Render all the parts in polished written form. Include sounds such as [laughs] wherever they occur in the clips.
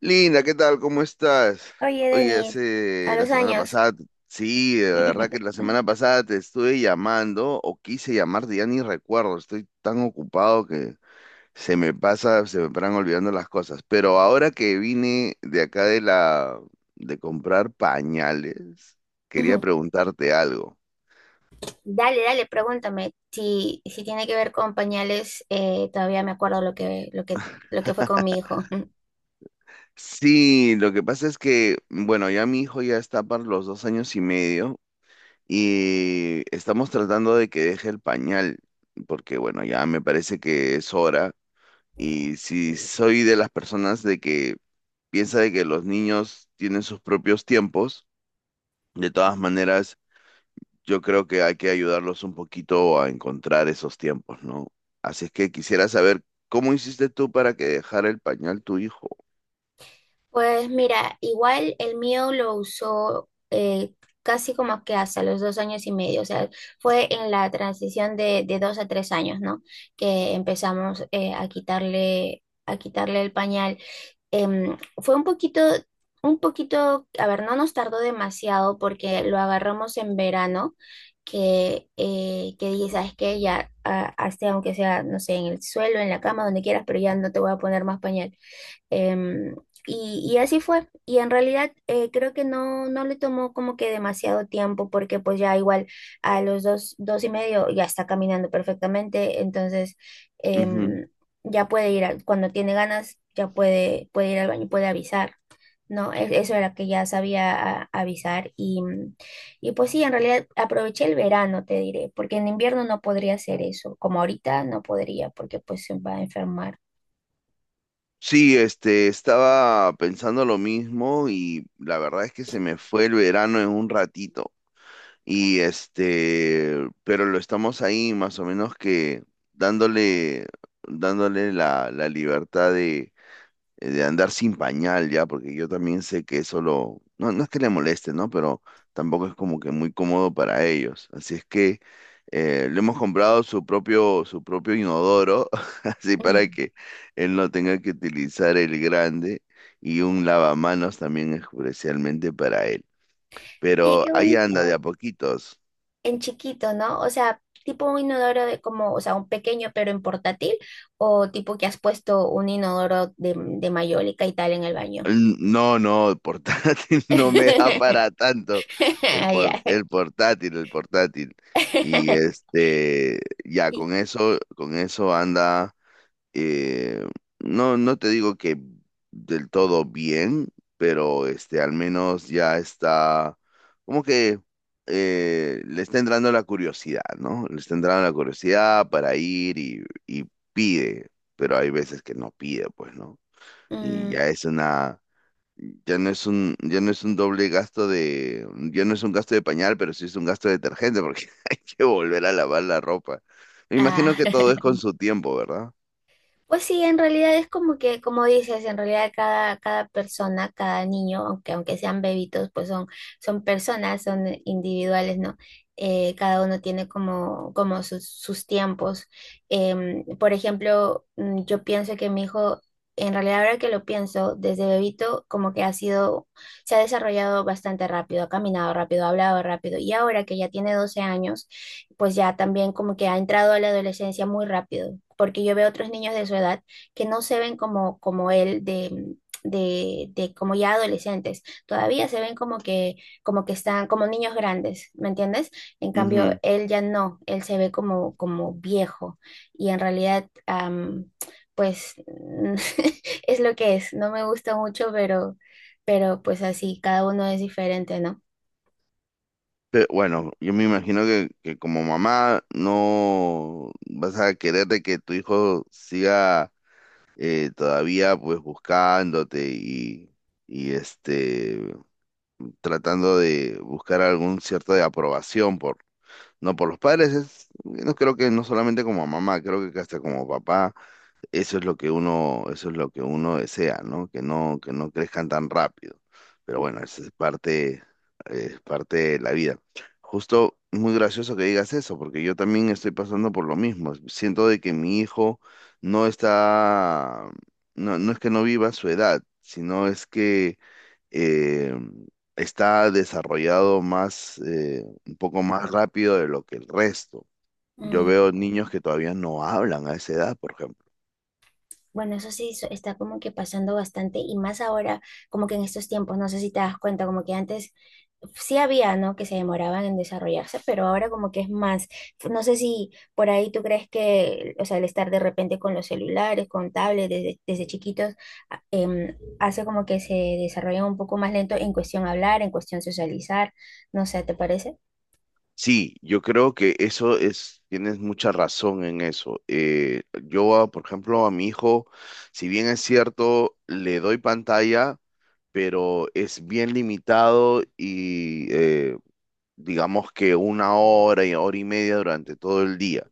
Linda, ¿qué tal? ¿Cómo estás? Oye, Oye, Denis, a hace la los semana años. pasada, sí, de verdad que la semana pasada te estuve llamando o quise llamarte, ya ni recuerdo, estoy tan ocupado que se me pasa, se me paran olvidando las cosas. Pero ahora que vine de acá de comprar pañales, quería Ujú. preguntarte algo. Dale, dale, pregúntame , si tiene que ver con pañales, todavía me acuerdo lo que fue con mi hijo. Ujú. Sí, lo que pasa es que, bueno, ya mi hijo ya está para los dos años y medio y estamos tratando de que deje el pañal, porque bueno, ya me parece que es hora. Y si soy de las personas de que piensa de que los niños tienen sus propios tiempos, de todas maneras, yo creo que hay que ayudarlos un poquito a encontrar esos tiempos, ¿no? Así es que quisiera saber, ¿cómo hiciste tú para que dejara el pañal tu hijo? Pues mira, igual el mío lo usó casi como que hasta los 2 años y medio, o sea, fue en la transición de 2 a 3 años, ¿no? Que empezamos a quitarle el pañal. Fue un poquito, a ver, no nos tardó demasiado porque lo agarramos en verano, que dije, ¿sabes qué? Ya, ah, hazte aunque sea, no sé, en el suelo, en la cama, donde quieras, pero ya no te voy a poner más pañal. Em, y así fue. Y en realidad creo que no le tomó como que demasiado tiempo porque pues ya igual a los dos, dos y medio ya está caminando perfectamente. Entonces Ujú. em, ya puede ir, cuando tiene ganas, ya puede ir al baño, puede avisar. No, eso era que ya sabía avisar y pues sí, en realidad aproveché el verano, te diré, porque en invierno no podría hacer eso, como ahorita no podría, porque pues se va a enfermar. Sí, este, estaba pensando lo mismo y la verdad es que se me fue el verano en un ratito. Y este, pero lo estamos ahí más o menos que dándole, dándole la libertad de andar sin pañal ya, porque yo también sé que eso lo, no, no es que le moleste, ¿no? Pero tampoco es como que muy cómodo para ellos. Así es que le hemos comprado su propio inodoro, [laughs] así para Mm. que él no tenga que utilizar el grande y un lavamanos también especialmente para él. Oye, Pero qué ahí anda de bonito. a poquitos. En chiquito, ¿no? O sea, tipo un inodoro de como, o sea, un pequeño pero en portátil, o tipo que has puesto un inodoro de mayólica y tal en el baño. No, no, el portátil [laughs] no me da para [laughs] tanto. Ah, ya. El portátil, el portátil. Y [laughs] este, ya Y, con eso anda, eh, no, no te digo que del todo bien, pero este, al menos ya está, como que le está entrando la curiosidad, ¿no? Le está entrando la curiosidad para ir y pide, pero hay veces que no pide, pues, ¿no? Y mm, ya es una ya no es un, ya no es un doble gasto de, ya no es un gasto de pañal, pero sí es un gasto de detergente porque [laughs] hay que volver a lavar la ropa. Me ah. imagino que todo es [laughs] con su tiempo, ¿verdad? Pues sí, en realidad es como que, como dices, en realidad cada persona, cada niño, aunque sean bebitos, pues son personas, son individuales, ¿no? Cada uno tiene como sus tiempos. Por ejemplo, yo pienso que mi hijo, en realidad ahora que lo pienso, desde bebito como que ha sido, se ha desarrollado bastante rápido, ha caminado rápido, ha hablado rápido, y ahora que ya tiene 12 años, pues ya también como que ha entrado a la adolescencia muy rápido, porque yo veo otros niños de su edad que no se ven como él de como ya adolescentes, todavía se ven como que están como niños grandes, ¿me entiendes? En cambio, Ujú. él ya no, él se ve como viejo y en realidad, pues [laughs] es lo que es, no me gusta mucho, pero pues así, cada uno es diferente, ¿no? Bueno, yo me imagino que como mamá no vas a querer de que tu hijo siga todavía pues buscándote y este tratando de buscar algún cierto de aprobación por, no, por los padres es, no creo que no solamente como mamá, creo que hasta como papá, eso es lo que uno, eso es lo que uno desea, ¿no? Que no, que no crezcan tan rápido. Pero bueno, eso es parte de la vida. Justo muy gracioso que digas eso, porque yo también estoy pasando por lo mismo. Siento de que mi hijo no está, no, no es que no viva su edad, sino es que eh, está desarrollado más, un poco más rápido de lo que el resto. Yo Mm. veo niños que todavía no hablan a esa edad, por ejemplo. Bueno, eso sí está como que pasando bastante y más ahora, como que en estos tiempos, no sé si te das cuenta, como que antes sí había, ¿no? Que se demoraban en desarrollarse, pero ahora como que es más, no sé si por ahí tú crees que, o sea, el estar de repente con los celulares, con tablets desde chiquitos, hace como que se desarrollan un poco más lento en cuestión hablar, en cuestión socializar, no sé, ¿te parece? Sí, yo creo que eso es, tienes mucha razón en eso. Yo, por ejemplo, a mi hijo, si bien es cierto, le doy pantalla, pero es bien limitado y digamos que una hora y hora y media durante todo el día.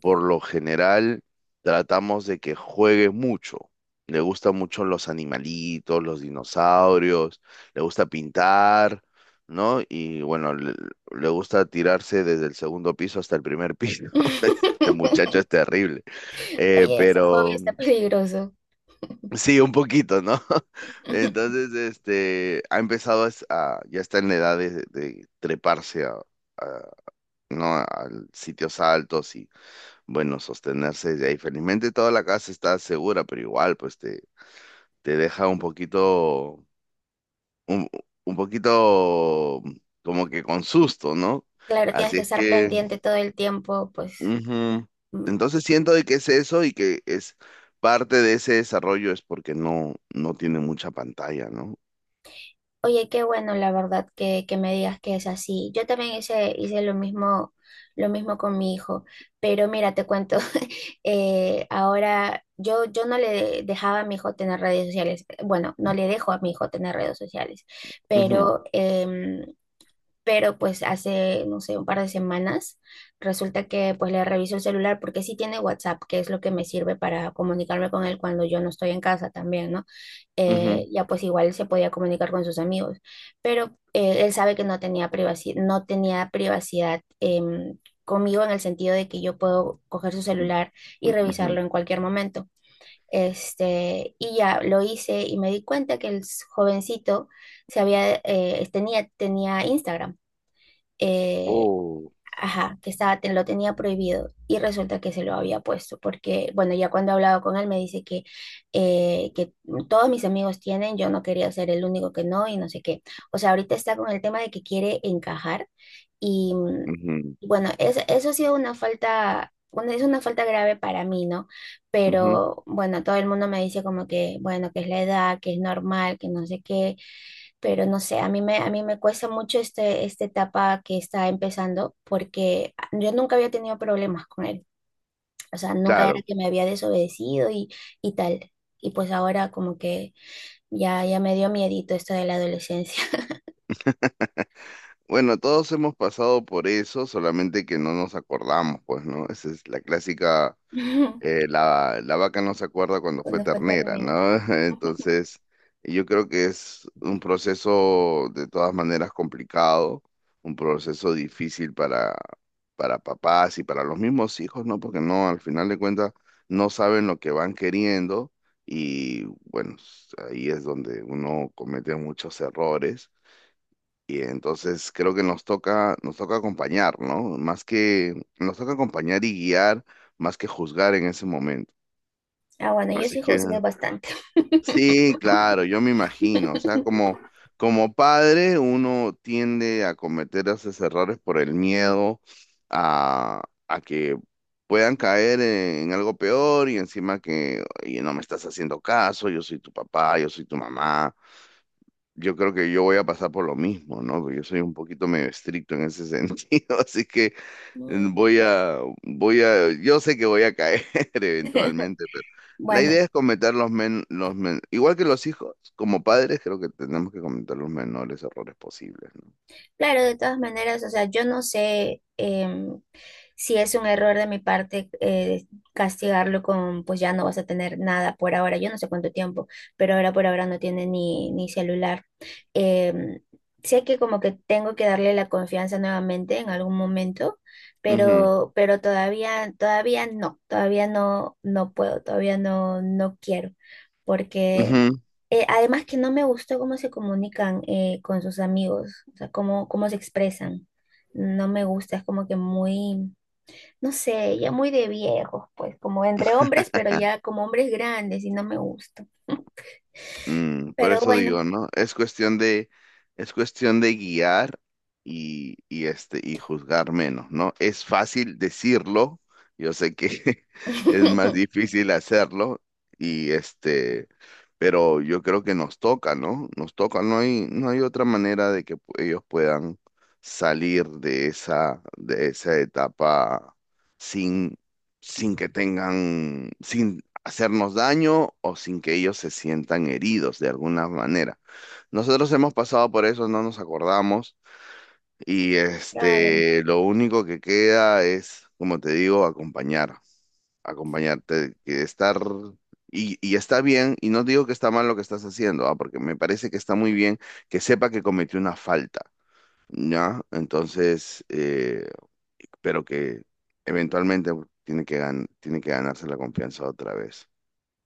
Por lo general, tratamos de que juegue mucho. Le gustan mucho los animalitos, los dinosaurios, le gusta pintar, ¿no? Y bueno, le gusta tirarse desde el segundo piso hasta el primer piso. [laughs] Este muchacho es [laughs] terrible. Oye, ese hobby Pero está peligroso. sí, un poquito, ¿no? [laughs] [laughs] Entonces, este, ha empezado a, ya está en la edad de treparse a, no a sitios altos y bueno, sostenerse de ahí. Felizmente toda la casa está segura, pero igual pues te deja un, un poquito como que con susto, ¿no? Claro, tienes Así que es estar que, pendiente todo el tiempo, pues. ujú. Mm. Entonces siento de que es eso y que es parte de ese desarrollo es porque no, no tiene mucha pantalla, ¿no? Oye, qué bueno, la verdad, que me digas que es así. Yo también hice lo mismo con mi hijo, pero mira, te cuento, [laughs] ahora yo no le dejaba a mi hijo tener redes sociales, bueno, no le dejo a mi hijo tener redes sociales, Ujú, pero em, pero pues hace, no sé, un par de semanas, resulta que pues le reviso el celular porque sí tiene WhatsApp, que es lo que me sirve para comunicarme con él cuando yo no estoy en casa también, ¿no? Ujú, Ya pues igual se podía comunicar con sus amigos, pero él sabe que no tenía privacidad, no tenía privacidad conmigo en el sentido de que yo puedo coger su celular y ujú. revisarlo en cualquier momento. Este, y ya lo hice y me di cuenta que el jovencito tenía Instagram eh, Oh, ajá, que estaba, lo tenía prohibido y resulta que se lo había puesto, porque, bueno, ya cuando he hablado con él me dice que todos mis amigos tienen, yo no quería ser el único que no y no sé qué. O sea, ahorita está con el tema de que quiere encajar y ujú, bueno, eso ha sido una falta. Es una falta grave para mí, ¿no? ujú. Pero bueno, todo el mundo me dice como que, bueno, que es la edad, que es normal, que no sé qué, pero no sé, a mí me cuesta mucho este, esta etapa que está empezando porque yo nunca había tenido problemas con él, o sea, nunca era Claro. que me había desobedecido y tal. Y pues ahora como que ya me dio miedito esto de la adolescencia. Bueno, todos hemos pasado por eso, solamente que no nos acordamos, pues, ¿no? Esa es la clásica, [laughs] la, la vaca no se acuerda cuando fue Cuando fue ternera, ternero. ¿no? [laughs] [laughs] Entonces, yo creo que es un proceso de todas maneras complicado, un proceso difícil para papás y para los mismos hijos, ¿no? Porque no, al final de cuentas, no saben lo que van queriendo y, bueno, ahí es donde uno comete muchos errores y entonces creo que nos toca acompañar, ¿no? Más que, nos toca acompañar y guiar, más que juzgar en ese momento. Ah, bueno, yo Así sí que, juzgué bastante. sí, claro, yo me imagino, o sea, como, [laughs] como padre uno tiende a cometer esos errores por el miedo a, a que puedan caer en algo peor y encima que, oye, no me estás haciendo caso, yo soy tu papá, yo soy tu mamá. Yo creo que yo voy a pasar por lo mismo, ¿no? Porque yo soy un poquito medio estricto en ese sentido, [laughs] así que voy [laughs] a, voy a, yo sé que voy a caer [laughs] eventualmente, pero la Bueno, idea es cometer los men, igual que los hijos, como padres, creo que tenemos que cometer los menores errores posibles, no. claro, de todas maneras, o sea, yo no sé, si es un error de mi parte, castigarlo con, pues ya no vas a tener nada por ahora, yo no sé cuánto tiempo, pero ahora por ahora no tiene ni celular. Em, Sé que como que tengo que darle la confianza nuevamente en algún momento, Ujú, pero todavía no, no puedo, todavía no, no quiero, porque ujú. Además que no me gustó cómo se comunican con sus amigos, o sea, cómo se expresan. No me gusta, es como que muy, no sé, ya muy de viejos, pues, como entre hombres, pero ya como hombres grandes y no me gusta. [laughs] Mm, por Pero eso bueno. digo, ¿no? Es cuestión de guiar y este, y juzgar menos, ¿no? Es fácil decirlo, yo sé que [laughs] es más [laughs] difícil hacerlo, y este, pero yo creo que nos toca, ¿no? Nos toca, no hay, no hay otra manera de que ellos puedan salir de esa etapa sin, sin que tengan, hacernos daño o sin que ellos se sientan heridos de alguna manera. Nosotros hemos pasado por eso, no nos acordamos y Claro, este, lo único que queda es, como te digo, acompañar, acompañarte, que estar y está bien y no digo que está mal lo que estás haciendo, ah, porque me parece que está muy bien que sepa que cometió una falta, ¿ya? Entonces, pero que eventualmente tiene que tiene que ganarse la confianza otra vez.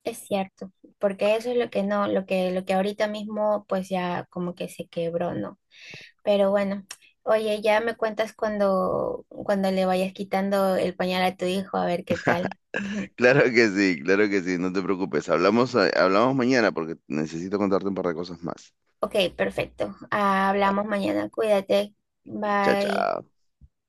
es cierto, porque eso es lo que no, lo que ahorita mismo pues ya como que se quebró, ¿no? Pero bueno, oye, ya me cuentas cuando le vayas quitando el pañal a tu hijo, a ver qué tal. [laughs] Claro que sí, no te preocupes. Hablamos, hablamos mañana porque necesito contarte un par de cosas más. Ok, perfecto. Ah, hablamos mañana, cuídate. Chao, Bye. chao.